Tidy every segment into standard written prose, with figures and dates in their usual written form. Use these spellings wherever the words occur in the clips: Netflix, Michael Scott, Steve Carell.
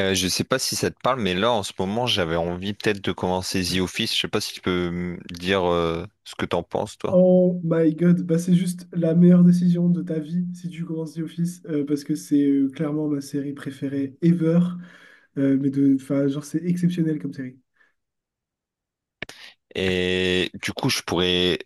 Je sais pas si ça te parle, mais là en ce moment j'avais envie peut-être de commencer The Office. Je sais pas si tu peux me dire ce que t'en penses toi. Oh my god, bah c'est juste la meilleure décision de ta vie si tu commences The Office, parce que c'est clairement ma série préférée ever, mais de, enfin genre c'est exceptionnel comme série. Et du coup je pourrais,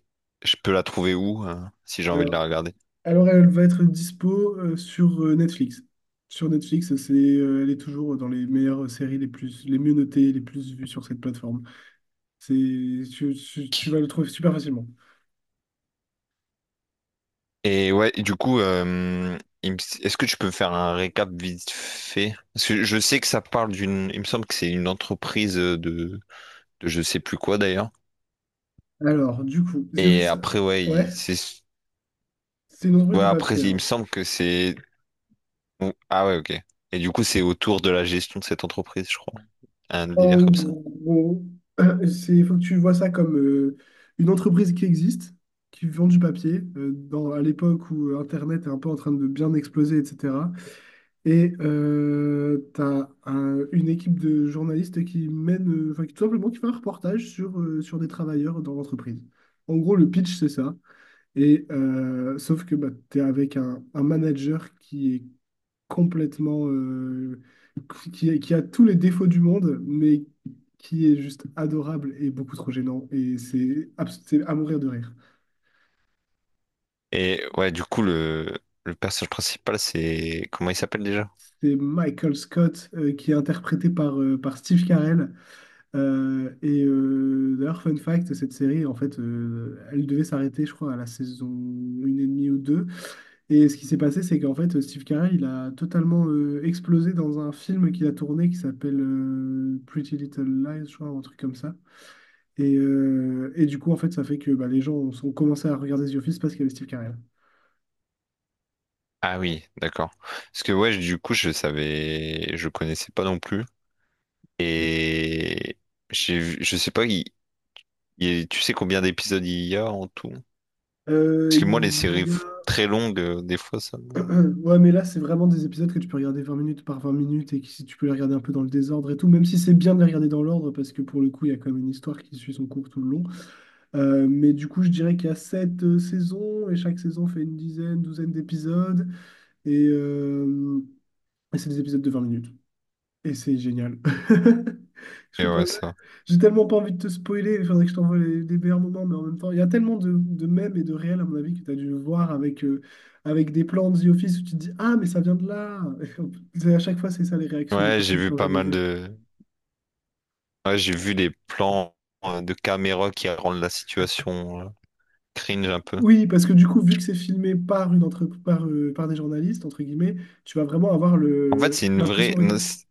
je peux la trouver où hein, si j'ai envie de Alors, la regarder. alors, elle va être dispo sur Netflix. Sur Netflix, c'est elle est toujours dans les meilleures séries, les plus, les mieux notées, les plus vues sur cette plateforme. C'est tu Qui? vas le trouver super facilement. Et ouais, du coup, il me- est-ce que tu peux faire un récap vite fait? Parce que je sais que ça parle il me semble que c'est une entreprise de je sais plus quoi d'ailleurs. Alors du coup, The Et Office, après ouais, il- ouais, c'est, c'est une entreprise ouais de après papier, il me hein. semble que c'est Ou- Ah ouais, ok. Et du coup, c'est autour de la gestion de cette entreprise, je crois. Un En délire comme ça. gros, c'est, il faut que tu vois ça comme une entreprise qui existe, qui vend du papier, dans, à l'époque où Internet est un peu en train de bien exploser, etc. Et tu as une équipe de journalistes qui mène, tout simplement qui fait un reportage sur, sur des travailleurs dans l'entreprise. En gros, le pitch, c'est ça. Et sauf que bah, tu es avec un manager qui est complètement qui a tous les défauts du monde, mais qui est juste adorable et beaucoup trop gênant. Et c'est c'est à mourir de rire. Et ouais, du coup, le personnage principal, c'est... Comment il s'appelle déjà? C'est Michael Scott qui est interprété par, par Steve Carell. D'ailleurs, fun fact, cette série, en fait, elle devait s'arrêter, je crois, à la saison une et demie ou deux. Et ce qui s'est passé, c'est qu'en fait, Steve Carell, il a totalement explosé dans un film qu'il a tourné qui s'appelle Pretty Little Lies, je crois, un truc comme ça. Et du coup, en fait, ça fait que bah, les gens ont commencé à regarder The Office parce qu'il y avait Steve Carell. Ah oui, d'accord. Parce que ouais, du coup, je savais... Je connaissais pas non plus. Et j'ai vu... Je sais pas, tu sais combien d'épisodes il y a en tout? Euh, Parce que moi, les il y a... très longues, des fois, Ouais, mais là, c'est vraiment des épisodes que tu peux regarder 20 minutes par 20 minutes, et que si tu peux les regarder un peu dans le désordre et tout, même si c'est bien de les regarder dans l'ordre parce que pour le coup, il y a quand même une histoire qui suit son cours tout le long. Mais du coup, je dirais qu'il y a 7 saisons et chaque saison fait une dizaine, douzaine d'épisodes, et, euh, et c'est des épisodes de 20 minutes. Et c'est génial. Je Et peux ouais, pas- ça... J'ai tellement pas envie de te spoiler, il faudrait que je t'envoie les meilleurs moments, mais en même temps, il y a tellement de mèmes et de réels, à mon avis, que tu as dû voir avec, avec des plans de The Office où tu te dis, ah, mais ça vient de là! À chaque fois, c'est ça les réactions des Ouais, j'ai personnes qui vu n'ont pas jamais mal vu. de... Ouais, j'ai vu les plans de caméra qui rendent la situation... cringe un peu. Oui, parce que du coup, vu que c'est filmé par, par des journalistes, entre guillemets, tu vas vraiment avoir En fait, c'est une l'impression vraie. de Non, regarder. C'est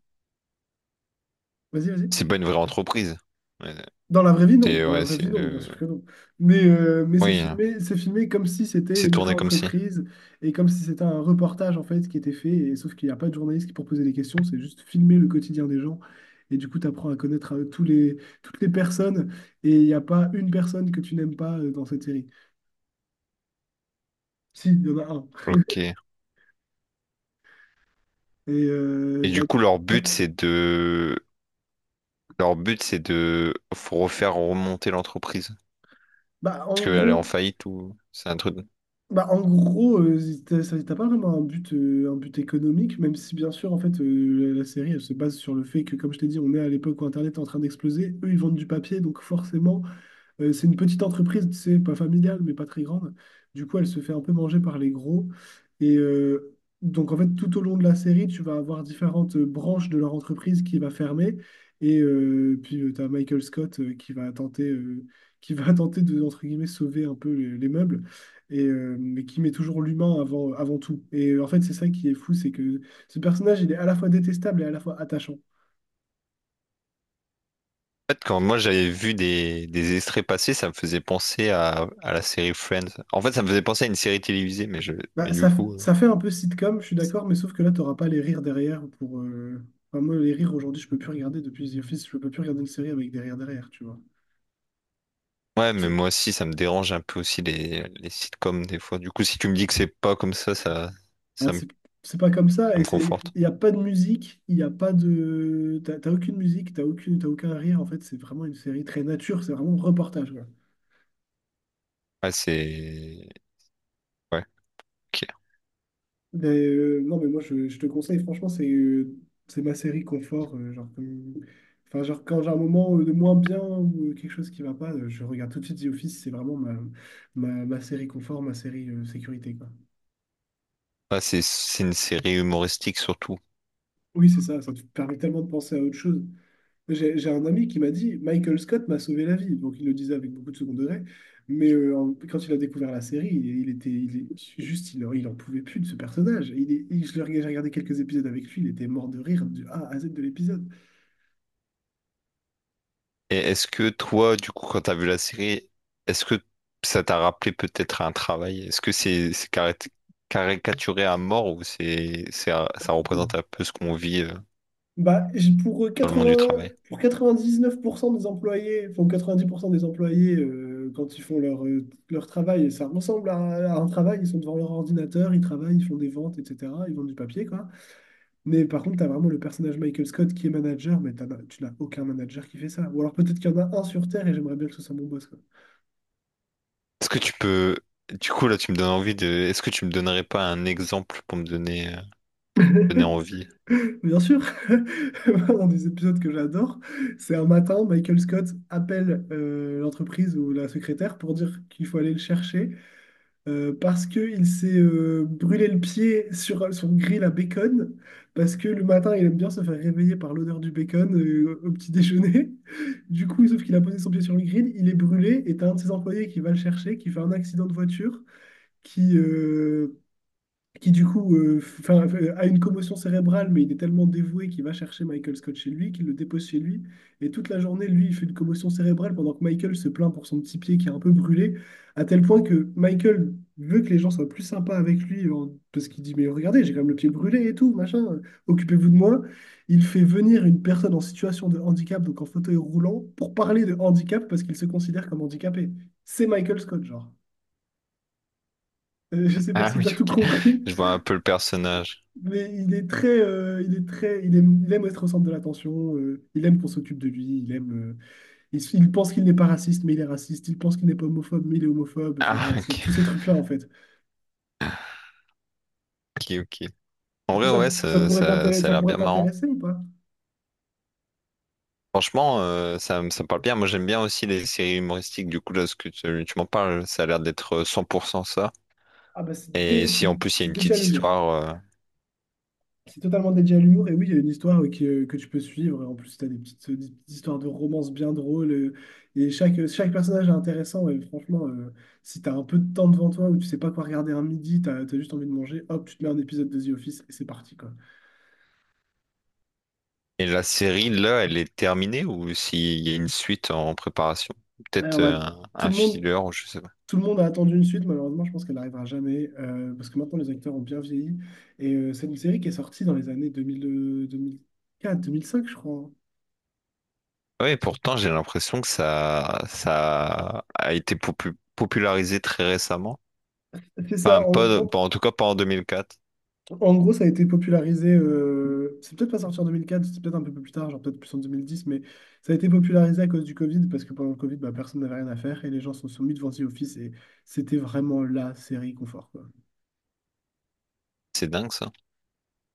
Vas-y, c'est vas-y. pas une vraie entreprise. Ouais, Dans la vraie vie, non. c'est Dans la ouais, vraie c'est vie, non, bien sûr une. que non. Mais Oui, hein, c'est filmé comme si c'était c'est une vraie tourné comme si. entreprise et comme si c'était un reportage en fait qui était fait. Et sauf qu'il n'y a pas de journaliste qui pour poser des questions, c'est juste filmer le quotidien des gens. Et du coup, tu apprends à connaître toutes les personnes. Et il n'y a pas une personne que tu n'aimes pas dans cette série. Si, il y en a un. Ok. Et Et bah, du coup, leur ouais. but, c'est de. Leur but, c'est de faut refaire remonter l'entreprise. Bah, Parce en qu'elle est en gros. faillite ou. C'est un truc. Bah, en gros, t'as pas vraiment un but économique, même si bien sûr, en fait, la série, elle se base sur le fait que, comme je t'ai dit, on est à l'époque où Internet est en train d'exploser. Eux, ils vendent du papier, donc forcément, c'est une petite entreprise, tu sais, pas familiale, mais pas très grande. Du coup, elle se fait un peu manger par les gros. Et euh, donc en fait, tout au long de la série, tu vas avoir différentes branches de leur entreprise qui va fermer. Et puis, tu as Michael Scott qui va tenter, qui va tenter de, entre guillemets, sauver un peu les meubles. Mais qui met toujours l'humain avant, avant tout. Et en fait, c'est ça qui est fou, c'est que ce personnage, il est à la fois détestable et à la fois attachant. En fait, quand moi j'avais vu des extraits passés, ça me faisait penser à la série Friends. En fait, ça me faisait penser à une série télévisée, Bah, mais du coup, ça fait un peu sitcom, je suis d'accord, mais sauf que là, t'auras pas les rires derrière pour, enfin, moi, les rires aujourd'hui, je peux plus regarder. Depuis The Office, je peux plus regarder une série avec des rires derrière, tu vois. ouais, mais C'est- moi aussi, ça me dérange un peu aussi les sitcoms des fois. Du coup, si tu me dis que c'est pas comme ça, Ah, ça me, c'est c'est pas comme ça, ça et me c'est, conforte. il n'y a pas de musique, il n'y a pas de. T'as aucune musique, t'as aucune, t'as aucun rire, en fait, c'est vraiment une série très nature, c'est vraiment reportage. Ouais, c'est... Ouais, ok. Ben, non, mais moi, je te conseille, franchement, c'est ma série confort, genre, genre, quand j'ai un moment de moins bien ou quelque chose qui va pas, je regarde tout de suite The Office. C'est vraiment ma série confort, ma série sécurité, quoi. Ouais, c'est une série humoristique surtout. Oui, c'est ça, ça te permet tellement de penser à autre chose. J'ai un ami qui m'a dit, Michael Scott m'a sauvé la vie. Donc, il le disait avec beaucoup de second degré. Mais quand il a découvert la série, il était il, est- juste, il en pouvait plus de ce personnage. Il, est- il- je le, J'ai regardé quelques épisodes avec lui, il était mort de rire du A à Z de l'épisode. Et est-ce que toi, du coup, quand t'as vu la série, est-ce que ça t'a rappelé peut-être un travail? Est-ce que c'est caricaturé à mort ou ça représente un peu ce qu'on vit Bah, j- pour dans le monde du 80, travail? pour 99% des employés, enfin 90% des employés, quand ils font leur, leur travail, et ça ressemble à un travail, ils sont devant leur ordinateur, ils travaillent, ils font des ventes, etc. Ils vendent du papier, quoi. Mais par contre, tu as vraiment le personnage Michael Scott qui est manager, mais tu n'as aucun manager qui fait ça. Ou alors peut-être qu'il y en a un sur Terre et j'aimerais bien que ce soit mon boss, quoi. Est-ce que tu peux... Du coup, là, tu me donnes envie de... Est-ce que tu me donnerais pas un exemple pour me donner... donner envie. Bien sûr, dans des épisodes que j'adore, c'est un matin, Michael Scott appelle l'entreprise ou la secrétaire pour dire qu'il faut aller le chercher. Parce qu'il s'est brûlé le pied sur son grill à bacon, parce que le matin, il aime bien se faire réveiller par l'odeur du bacon au petit déjeuner. Du coup, sauf qu'il a posé son pied sur le grill, il est brûlé, et t'as un de ses employés qui va le chercher, qui fait un accident de voiture, qui, euh, qui a une commotion cérébrale, mais il est tellement dévoué qu'il va chercher Michael Scott chez lui, qu'il le dépose chez lui. Et toute la journée, lui, il fait une commotion cérébrale pendant que Michael se plaint pour son petit pied qui est un peu brûlé, à tel point que Michael veut que les gens soient plus sympas avec lui. Parce qu'il dit, mais regardez, j'ai quand même le pied brûlé et tout, machin, occupez-vous de moi. Il fait venir une personne en situation de handicap, donc en fauteuil roulant, pour parler de handicap, parce qu'il se considère comme handicapé. C'est Michael Scott, genre. Je sais pas Ah si oui, t'as tout ok. compris. Je vois un peu le personnage. Mais il est très, il aime être au centre de l'attention, il aime qu'on s'occupe de lui. Il aime, il pense qu'il n'est pas raciste, mais il est raciste. Il pense qu'il n'est pas homophobe, mais il est homophobe. Enfin, Ah, ouais, c'est ok, tous ces trucs-là en fait. ok, ok. En Est-ce que vrai, ça, ouais, ça, ça, ça a ça l'air pourrait bien marrant. t'intéresser ou pas? Franchement, ça me parle bien. Moi, j'aime bien aussi les séries humoristiques. Du coup, là, ce que tu m'en parles, ça a l'air d'être 100% ça. Ah bah c'est Et dé- c'est si en plus, il y a c'est une déjà petite l'humour. histoire, C'est totalement dédié à l'humour, et oui, il y a une histoire que tu peux suivre. En plus, tu as des petites histoires de romance bien drôles, et chaque personnage est intéressant. Et franchement, si tu as un peu de temps devant toi ou tu sais pas quoi regarder un midi, tu as juste envie de manger, hop, tu te mets un épisode de The Office et c'est parti, quoi. et la série, là, elle est terminée ou s'il y a une suite en préparation? Ouais, on Peut-être va- Tout un le monde, filler, ou je sais pas. tout le monde a attendu une suite. Malheureusement, je pense qu'elle n'arrivera jamais, parce que maintenant les acteurs ont bien vieilli. Et c'est une série qui est sortie dans les années 2000, 2004, 2005, je crois, hein. Oui, pourtant, j'ai l'impression que ça a été popularisé très récemment. C'est ça, Enfin, on. En tout cas pas en 2004. En gros, ça a été popularisé, c'est peut-être pas sorti en 2004, c'est peut-être un peu plus tard, genre peut-être plus en 2010. Mais ça a été popularisé à cause du Covid, parce que pendant le Covid, bah, personne n'avait rien à faire et les gens sont soumis devant The Office et c'était vraiment la série confort, quoi. C'est dingue ça.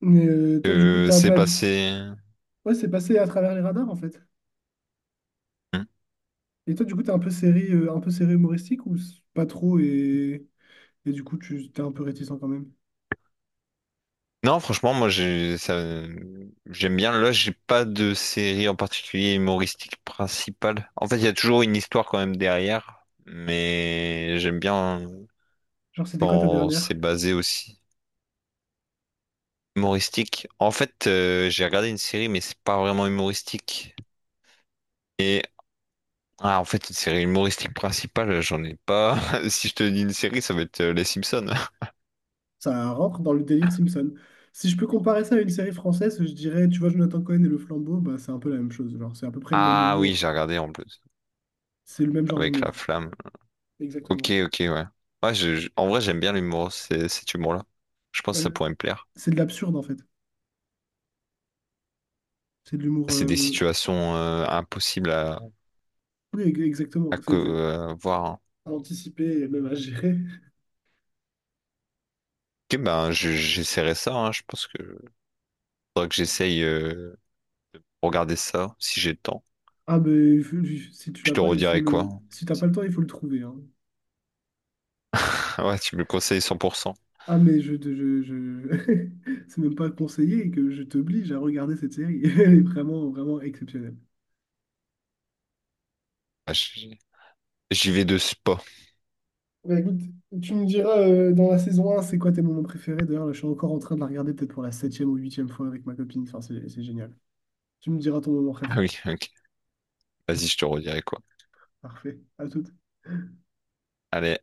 Mais toi, du coup, t'es un C'est peu habitué. passé. Ouais, c'est passé à travers les radars, en fait. Hmm. Et toi, du coup, t'es un peu série humoristique ou pas trop, et du coup, tu t'es un peu réticent quand même? Non, franchement, moi j'ai ça... j'aime bien. Là, j'ai pas de série en particulier humoristique principale. En fait, il y a toujours une histoire quand même derrière, mais j'aime bien Genre, c'était quoi ta quand dernière? c'est basé aussi humoristique. En fait, j'ai regardé une série, mais c'est pas vraiment humoristique. Ah, en fait, une série humoristique principale, j'en ai pas. Si je te dis une série, ça va être Les Simpsons. Ça rentre dans le délire Simpson. Si je peux comparer ça à une série française, je dirais, tu vois, Jonathan Cohen et Le Flambeau, bah, c'est un peu la même chose. Genre, c'est à peu près le même Ah oui, humour. j'ai regardé en plus, C'est le même genre avec la d'humour. flamme. Ok, Exactement. ok, ouais. Ouais, en vrai, j'aime bien l'humour, cet humour-là. Je pense Bah, que ça pourrait me plaire. c'est de l'absurde, en fait. C'est de l'humour, C'est des situations impossibles à, oui, exactement. C'est exact. Voir, hein. À anticiper et même à gérer. Ok, ben, j'essaierai ça, hein. Je pense que faudra que j'essaye regarder ça, si j'ai le temps. Ah, ben il faut- Si tu Je l'as te pas, il faut redirai quoi. le. Si t'as pas le temps, il faut le trouver, hein. Ouais, tu me le conseilles 100%. Ah, mais je, te- je... C'est même pas conseillé, que je t'oblige à regarder cette série. Elle est vraiment, vraiment exceptionnelle. Ah, j- J'y vais de spa. Bah écoute, tu me diras dans la saison un, c'est quoi tes moments préférés? D'ailleurs, là, je suis encore en train de la regarder peut-être pour la septième ou huitième fois avec ma copine. Enfin, c'est génial. Tu me diras ton moment Ah préf. oui, ok. Vas-y, je te redirai quoi. Parfait. À tout. Allez.